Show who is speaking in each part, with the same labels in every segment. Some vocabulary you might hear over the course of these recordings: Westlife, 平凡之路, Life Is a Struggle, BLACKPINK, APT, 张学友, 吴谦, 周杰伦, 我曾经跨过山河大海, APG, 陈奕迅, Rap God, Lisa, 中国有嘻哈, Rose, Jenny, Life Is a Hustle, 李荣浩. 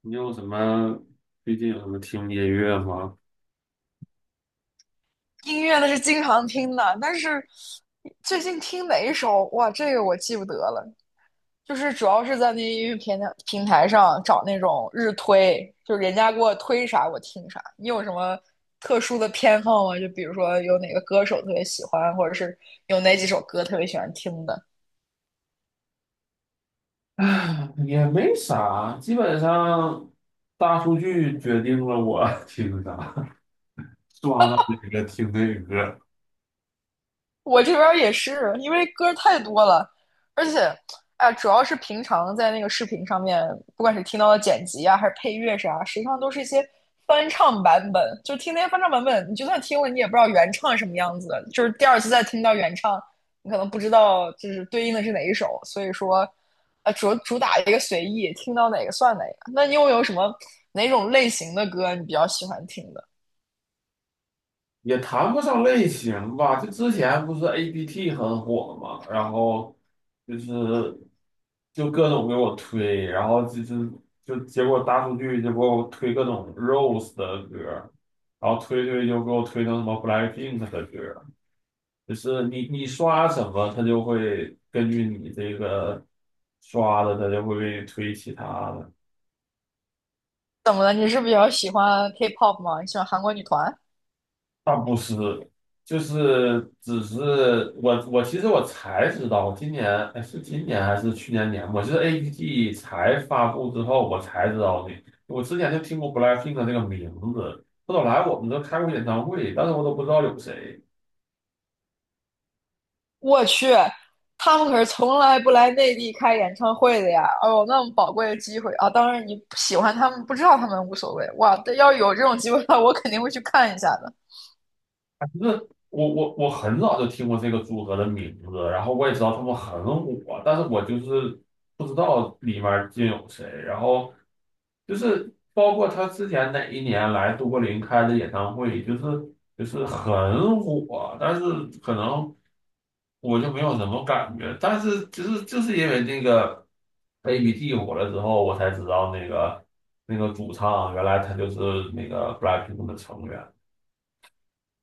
Speaker 1: 你有什么最近有什么听音乐吗？
Speaker 2: 音乐那是经常听的，但是最近听哪一首，哇，这个我记不得了。就是主要是在那音乐平台上找那种日推，就是人家给我推啥我听啥。你有什么特殊的偏好吗？就比如说有哪个歌手特别喜欢，或者是有哪几首歌特别喜欢听的？
Speaker 1: 啊，也没啥，基本上大数据决定了我 听啥，刷到哪个听哪个。
Speaker 2: 我这边儿也是，因为歌太多了，而且，哎，主要是平常在那个视频上面，不管是听到的剪辑啊，还是配乐啥，实际上都是一些翻唱版本。就听那些翻唱版本，你就算听了，你也不知道原唱什么样子的，就是第二次再听到原唱，你可能不知道就是对应的是哪一首。所以说，主打一个随意，听到哪个算哪个。那你又有什么哪种类型的歌你比较喜欢听的？
Speaker 1: 也谈不上类型吧。就之前不是 APT 很火嘛，然后就是就各种给我推，然后就结果大数据就给我推各种 Rose 的歌，然后推就给我推成什么 BLACKPINK 的歌。就是你刷什么，它就会根据你这个刷的，它就会给你推其他的。
Speaker 2: 怎么了？你是比较喜欢 K-pop 吗？你喜欢韩国女团？
Speaker 1: 倒不是，就是只是我其实我才知道，我今年，哎，是今年还是去年年末，就是 A P G 才发布之后，我才知道的。我之前就听过 BLACKPINK 的这个名字，后来我们都开过演唱会，但是我都不知道有谁。
Speaker 2: 我去，他们可是从来不来内地开演唱会的呀！哦，那么宝贵的机会啊！当然，你喜欢他们，不知道他们无所谓。哇，但要有这种机会的话，我肯定会去看一下的。
Speaker 1: 那我很早就听过这个组合的名字，然后我也知道他们很火，但是我就是不知道里面儿竟有谁。然后就是包括他之前哪一年来都柏林开的演唱会，就是很火，但是可能我就没有什么感觉。但是就是因为那个 ABT 火了之后，我才知道那个主唱原来他就是那个 BLACKPINK 的成员。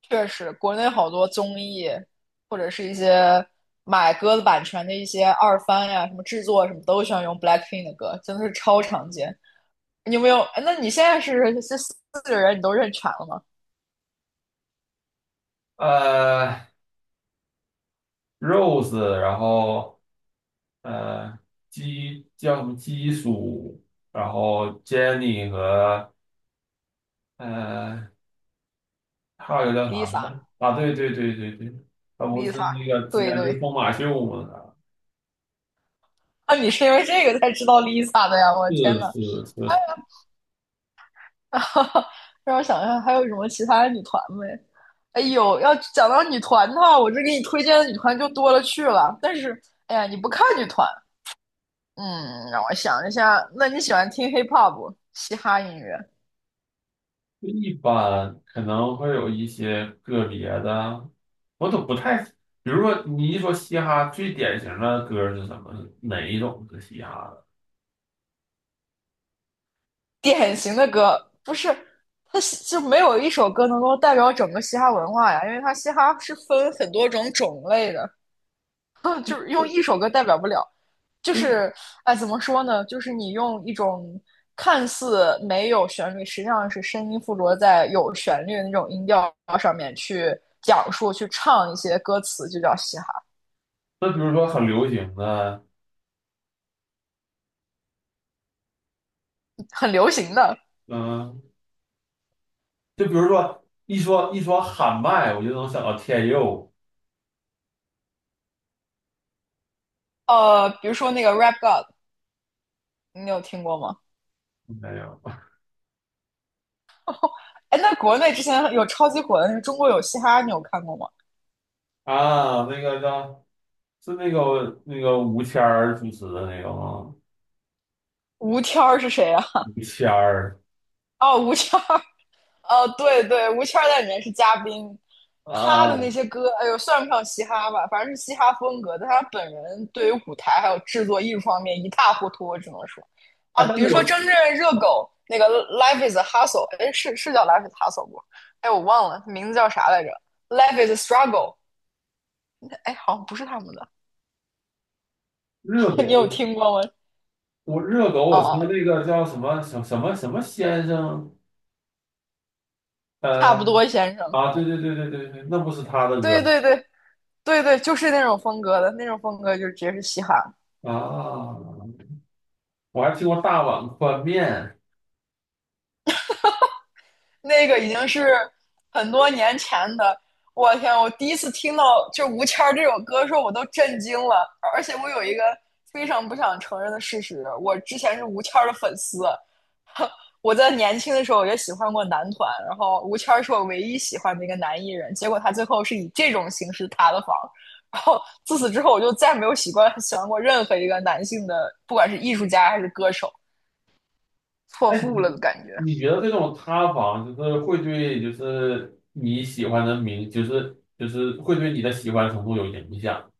Speaker 2: 确实，国内好多综艺，或者是一些买歌的版权的一些二番呀，什么制作什么，都喜欢用 BLACKPINK 的歌，真的是超常见。你有没有？哎，那你现在是这四个人你都认全了吗
Speaker 1: 呃，Rose，然后呃基叫什么基叔，然后 Jenny 和呃还有一个啥
Speaker 2: ？Lisa，Lisa，
Speaker 1: 呢？啊，对对对对对，他不是那个之前
Speaker 2: 对
Speaker 1: 去
Speaker 2: 对，
Speaker 1: 疯马秀吗？
Speaker 2: 啊，你是因为这个才知道 Lisa 的呀！我的天
Speaker 1: 是
Speaker 2: 呐！哎，
Speaker 1: 是是。
Speaker 2: 让我想一下，还有什么其他的女团没？哎呦，要讲到女团的话，我这给你推荐的女团就多了去了。但是，哎呀，你不看女团，嗯，让我想一下，那你喜欢听 hip hop 嘻哈音乐？
Speaker 1: 一般可能会有一些个别的，我都不太，比如说你一说嘻哈，最典型的歌是什么？哪一种是嘻哈的？
Speaker 2: 典型的歌不是，它就没有一首歌能够代表整个嘻哈文化呀，因为它嘻哈是分很多种种类的，就是用一首歌代表不了。就
Speaker 1: 就
Speaker 2: 是哎，怎么说呢？就是你用一种看似没有旋律，实际上是声音附着在有旋律的那种音调上面去讲述、去唱一些歌词，就叫嘻哈，
Speaker 1: 那比如说很流行的，
Speaker 2: 很流行的。
Speaker 1: 嗯，就比如说一说喊麦，我就能想到天佑，
Speaker 2: 呃，比如说那个 Rap God，你有听过吗？
Speaker 1: 没有。
Speaker 2: 哎，那国内之前有超级火的，中国有嘻哈，你有看过吗？
Speaker 1: 啊，那个叫是那个吴谦儿主持的那个吗？
Speaker 2: 吴天儿是谁啊？
Speaker 1: 吴谦儿
Speaker 2: 哦，吴天儿，呃，对对，吴谦儿在里面是嘉宾，他的那
Speaker 1: 啊。
Speaker 2: 些歌，哎呦，算不上嘻哈吧，反正是嘻哈风格，但他本人对于舞台还有制作艺术方面一塌糊涂，我只能说，
Speaker 1: 哎，
Speaker 2: 啊，
Speaker 1: 但
Speaker 2: 比
Speaker 1: 是
Speaker 2: 如说真正热狗那个《Life Is a Hustle》，哎，是是叫《Life Is a Hustle》不？哎，我忘了名字叫啥来着，《Life Is a Struggle》，哎，好像不是他们的，
Speaker 1: 热
Speaker 2: 你
Speaker 1: 狗，
Speaker 2: 有听过吗？
Speaker 1: 我热狗，我听
Speaker 2: 哦，
Speaker 1: 那个叫什么什么什么什么先生。
Speaker 2: 差
Speaker 1: 呃
Speaker 2: 不多，先生，
Speaker 1: 啊，对对对对对对，那不是他的歌。
Speaker 2: 对对对对对，就是那种风格的，那种风格就直接是嘻哈。
Speaker 1: 啊，我还听过大碗宽面。
Speaker 2: 那个已经是很多年前的。我天！我第一次听到就吴谦这首歌的时候，我都震惊了。而且我有一个非常不想承认的事实，我之前是吴谦的粉丝。我在年轻的时候也喜欢过男团，然后吴谦是我唯一喜欢的一个男艺人。结果他最后是以这种形式塌了房。然后自此之后，我就再没有喜欢过任何一个男性的，不管是艺术家还是歌手，错
Speaker 1: 哎，
Speaker 2: 付了
Speaker 1: 你
Speaker 2: 的感觉。
Speaker 1: 你觉得这种塌房就是会对就是你喜欢的明，就是会对你的喜欢程度有影响？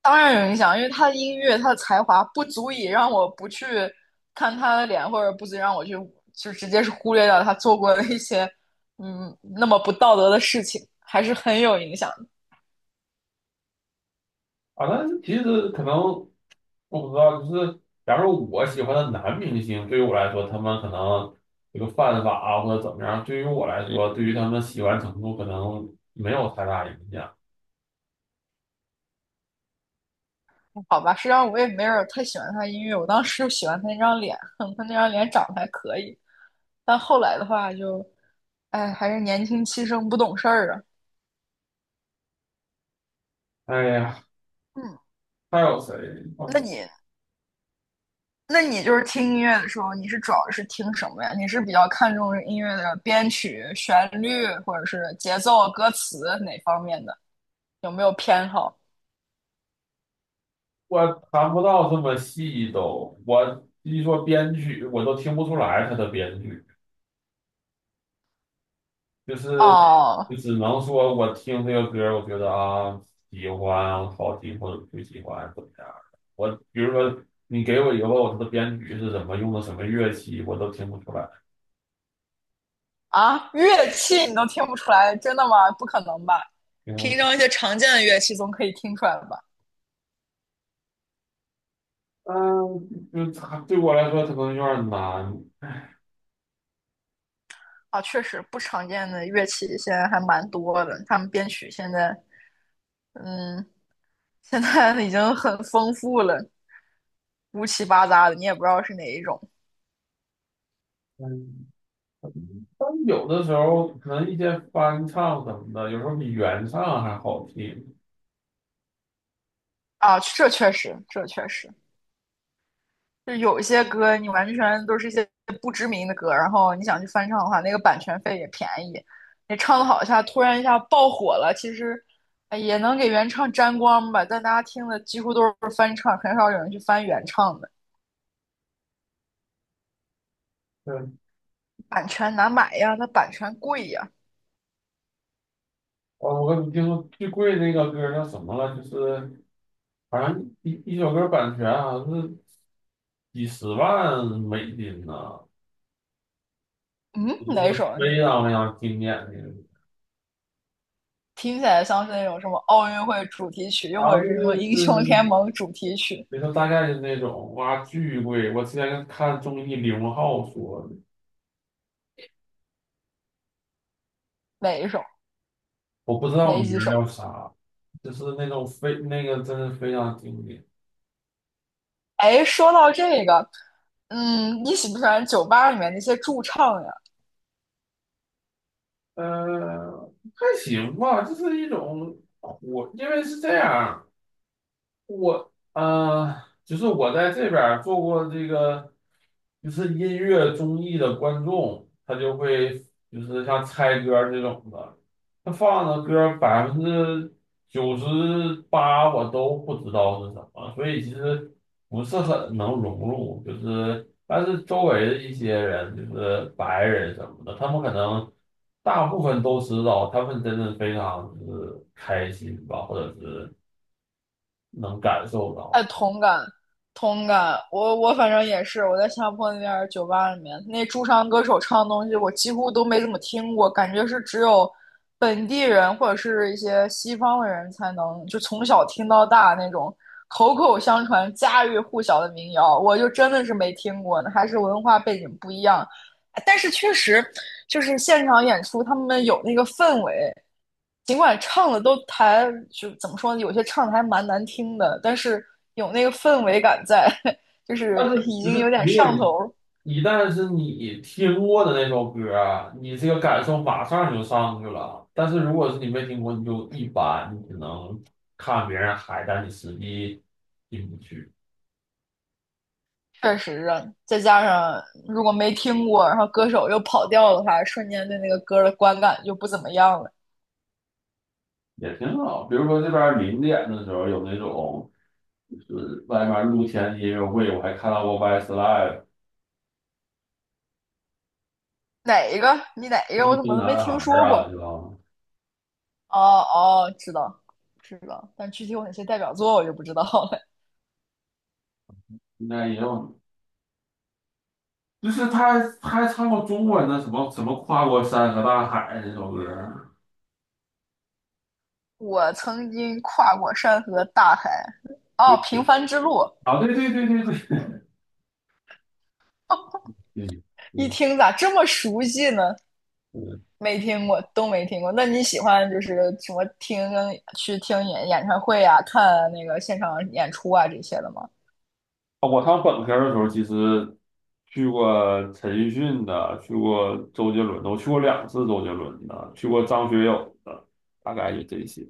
Speaker 2: 当然有影响，因为他的音乐，他的才华不足以让我不去看他的脸，或者不足以让我去就直接是忽略掉他做过的一些嗯那么不道德的事情，还是很有影响的。
Speaker 1: 啊？但是其实可能我不知道，就是假如我喜欢的男明星，对于我来说，他们可能这个犯法啊或者怎么样，对于我来说，对于他们喜欢程度可能没有太大影响。
Speaker 2: 好吧，实际上我也没有太喜欢他音乐，我当时就喜欢他那张脸，他那张脸长得还可以，但后来的话就，哎，还是年轻气盛不懂事儿啊。
Speaker 1: 哎呀，
Speaker 2: 嗯，
Speaker 1: 还有谁？我
Speaker 2: 那
Speaker 1: 想
Speaker 2: 你那你就是听音乐的时候，你是主要是听什么呀？你是比较看重音乐的编曲、旋律，或者是节奏、歌词哪方面的？有没有偏好？
Speaker 1: 我谈不到这么细都，我一说编剧，我都听不出来他的编剧。就是
Speaker 2: 哦，
Speaker 1: 就只能说我听这个歌儿我觉得啊喜欢，好听或者不喜欢怎么样的。我比如说你给我以后它的编曲是什么，用的什么乐器，我都听不出来。
Speaker 2: 啊，乐器你都听不出来，真的吗？不可能吧？
Speaker 1: 嗯。
Speaker 2: 平常一些常见的乐器总可以听出来吧？
Speaker 1: 嗯，就它对我来说它可能有点难。
Speaker 2: 啊，确实不常见的乐器现在还蛮多的，他们编曲现在，嗯，现在已经很丰富了，乌七八杂的，你也不知道是哪一种
Speaker 1: 嗯，但有的时候可能一些翻唱什么的，有时候比原唱还好听。
Speaker 2: 啊。这确实，这确实。就有一些歌你完全都是一些不知名的歌，然后你想去翻唱的话，那个版权费也便宜。你唱的好一下，突然一下爆火了，其实哎也能给原唱沾光吧，但大家听的几乎都是翻唱，很少有人去翻原唱的。
Speaker 1: 对。
Speaker 2: 版权难买呀，它版权贵呀。
Speaker 1: 哦，我跟你听说最贵那个歌叫什么了？就是好像一首歌版权好像是几十万美金呢。
Speaker 2: 嗯，
Speaker 1: 就那
Speaker 2: 哪
Speaker 1: 个
Speaker 2: 首？
Speaker 1: 非
Speaker 2: 你
Speaker 1: 常非常经典的。
Speaker 2: 听起来像是那种什么奥运会主题曲，又或
Speaker 1: 啊，
Speaker 2: 者是什么
Speaker 1: 就
Speaker 2: 英雄联
Speaker 1: 是
Speaker 2: 盟主题曲？
Speaker 1: 里头大概是那种哇，巨贵。我之前看综艺李荣浩说的，
Speaker 2: 哪一首？
Speaker 1: 我不知道
Speaker 2: 哪
Speaker 1: 名
Speaker 2: 几
Speaker 1: 儿
Speaker 2: 首？
Speaker 1: 叫啥，就是那种非那个真是非常经典。
Speaker 2: 哎，说到这个，嗯，你喜不喜欢酒吧里面那些驻唱呀？
Speaker 1: 还行吧，就是一种火，因为是这样。我就是我在这边儿做过这个，就是音乐综艺的观众，他就会就是像猜歌儿这种的，他放的歌98%我都不知道是什么，所以其实不是很能融入。就是，但是周围的一些人，就是白人什么的，他们可能大部分都知道，他们真的非常就是开心吧，或者是能感受到。
Speaker 2: 哎，同感，同感。我反正也是，我在新加坡那边儿酒吧里面，那驻唱歌手唱的东西，我几乎都没怎么听过，感觉是只有本地人或者是一些西方的人才能，就从小听到大那种口口相传、家喻户晓的民谣，我就真的是没听过呢，还是文化背景不一样。但是确实就是现场演出，他们有那个氛围，尽管唱的都还就怎么说呢，有些唱的还蛮难听的，但是有那个氛围感在，就
Speaker 1: 但
Speaker 2: 是
Speaker 1: 是
Speaker 2: 已
Speaker 1: 就
Speaker 2: 经有
Speaker 1: 是
Speaker 2: 点
Speaker 1: 如果
Speaker 2: 上
Speaker 1: 你
Speaker 2: 头。
Speaker 1: 一旦是你听过的那首歌啊，你这个感受马上就上去了。但是如果是你没听过，你就一般，你只能看别人嗨，但你实际进不去。
Speaker 2: 确实啊，再加上如果没听过，然后歌手又跑调的话，瞬间对那个歌的观感就不怎么样了。
Speaker 1: 也挺好。比如说这边儿零点的时候有那种，就是外面露天的音乐会，我还看到过 Westlife、
Speaker 2: 哪一个？你哪一个？我
Speaker 1: 一
Speaker 2: 怎么
Speaker 1: 星
Speaker 2: 都没
Speaker 1: 男
Speaker 2: 听
Speaker 1: 孩儿
Speaker 2: 说
Speaker 1: 啊，
Speaker 2: 过？
Speaker 1: 对吧？
Speaker 2: 哦哦，知道知道，但具体有哪些代表作我就不知道了。
Speaker 1: 应该也有，就是他还唱过中文的什么什么跨过山和大海那首歌儿。
Speaker 2: 我曾经跨过山河大海。哦，
Speaker 1: 对。
Speaker 2: 平凡之路。
Speaker 1: 啊，对对对对对。
Speaker 2: 哦，
Speaker 1: 嗯
Speaker 2: 一
Speaker 1: 嗯
Speaker 2: 听咋这么熟悉呢？
Speaker 1: 嗯。
Speaker 2: 没听过，都没听过。那你喜欢就是什么听去听演唱会啊，看那个现场演出啊这些的吗？
Speaker 1: 啊，我上本科的时候，其实去过陈奕迅的，去过周杰伦的，我去过2次周杰伦的，去过张学友的，大概就这些。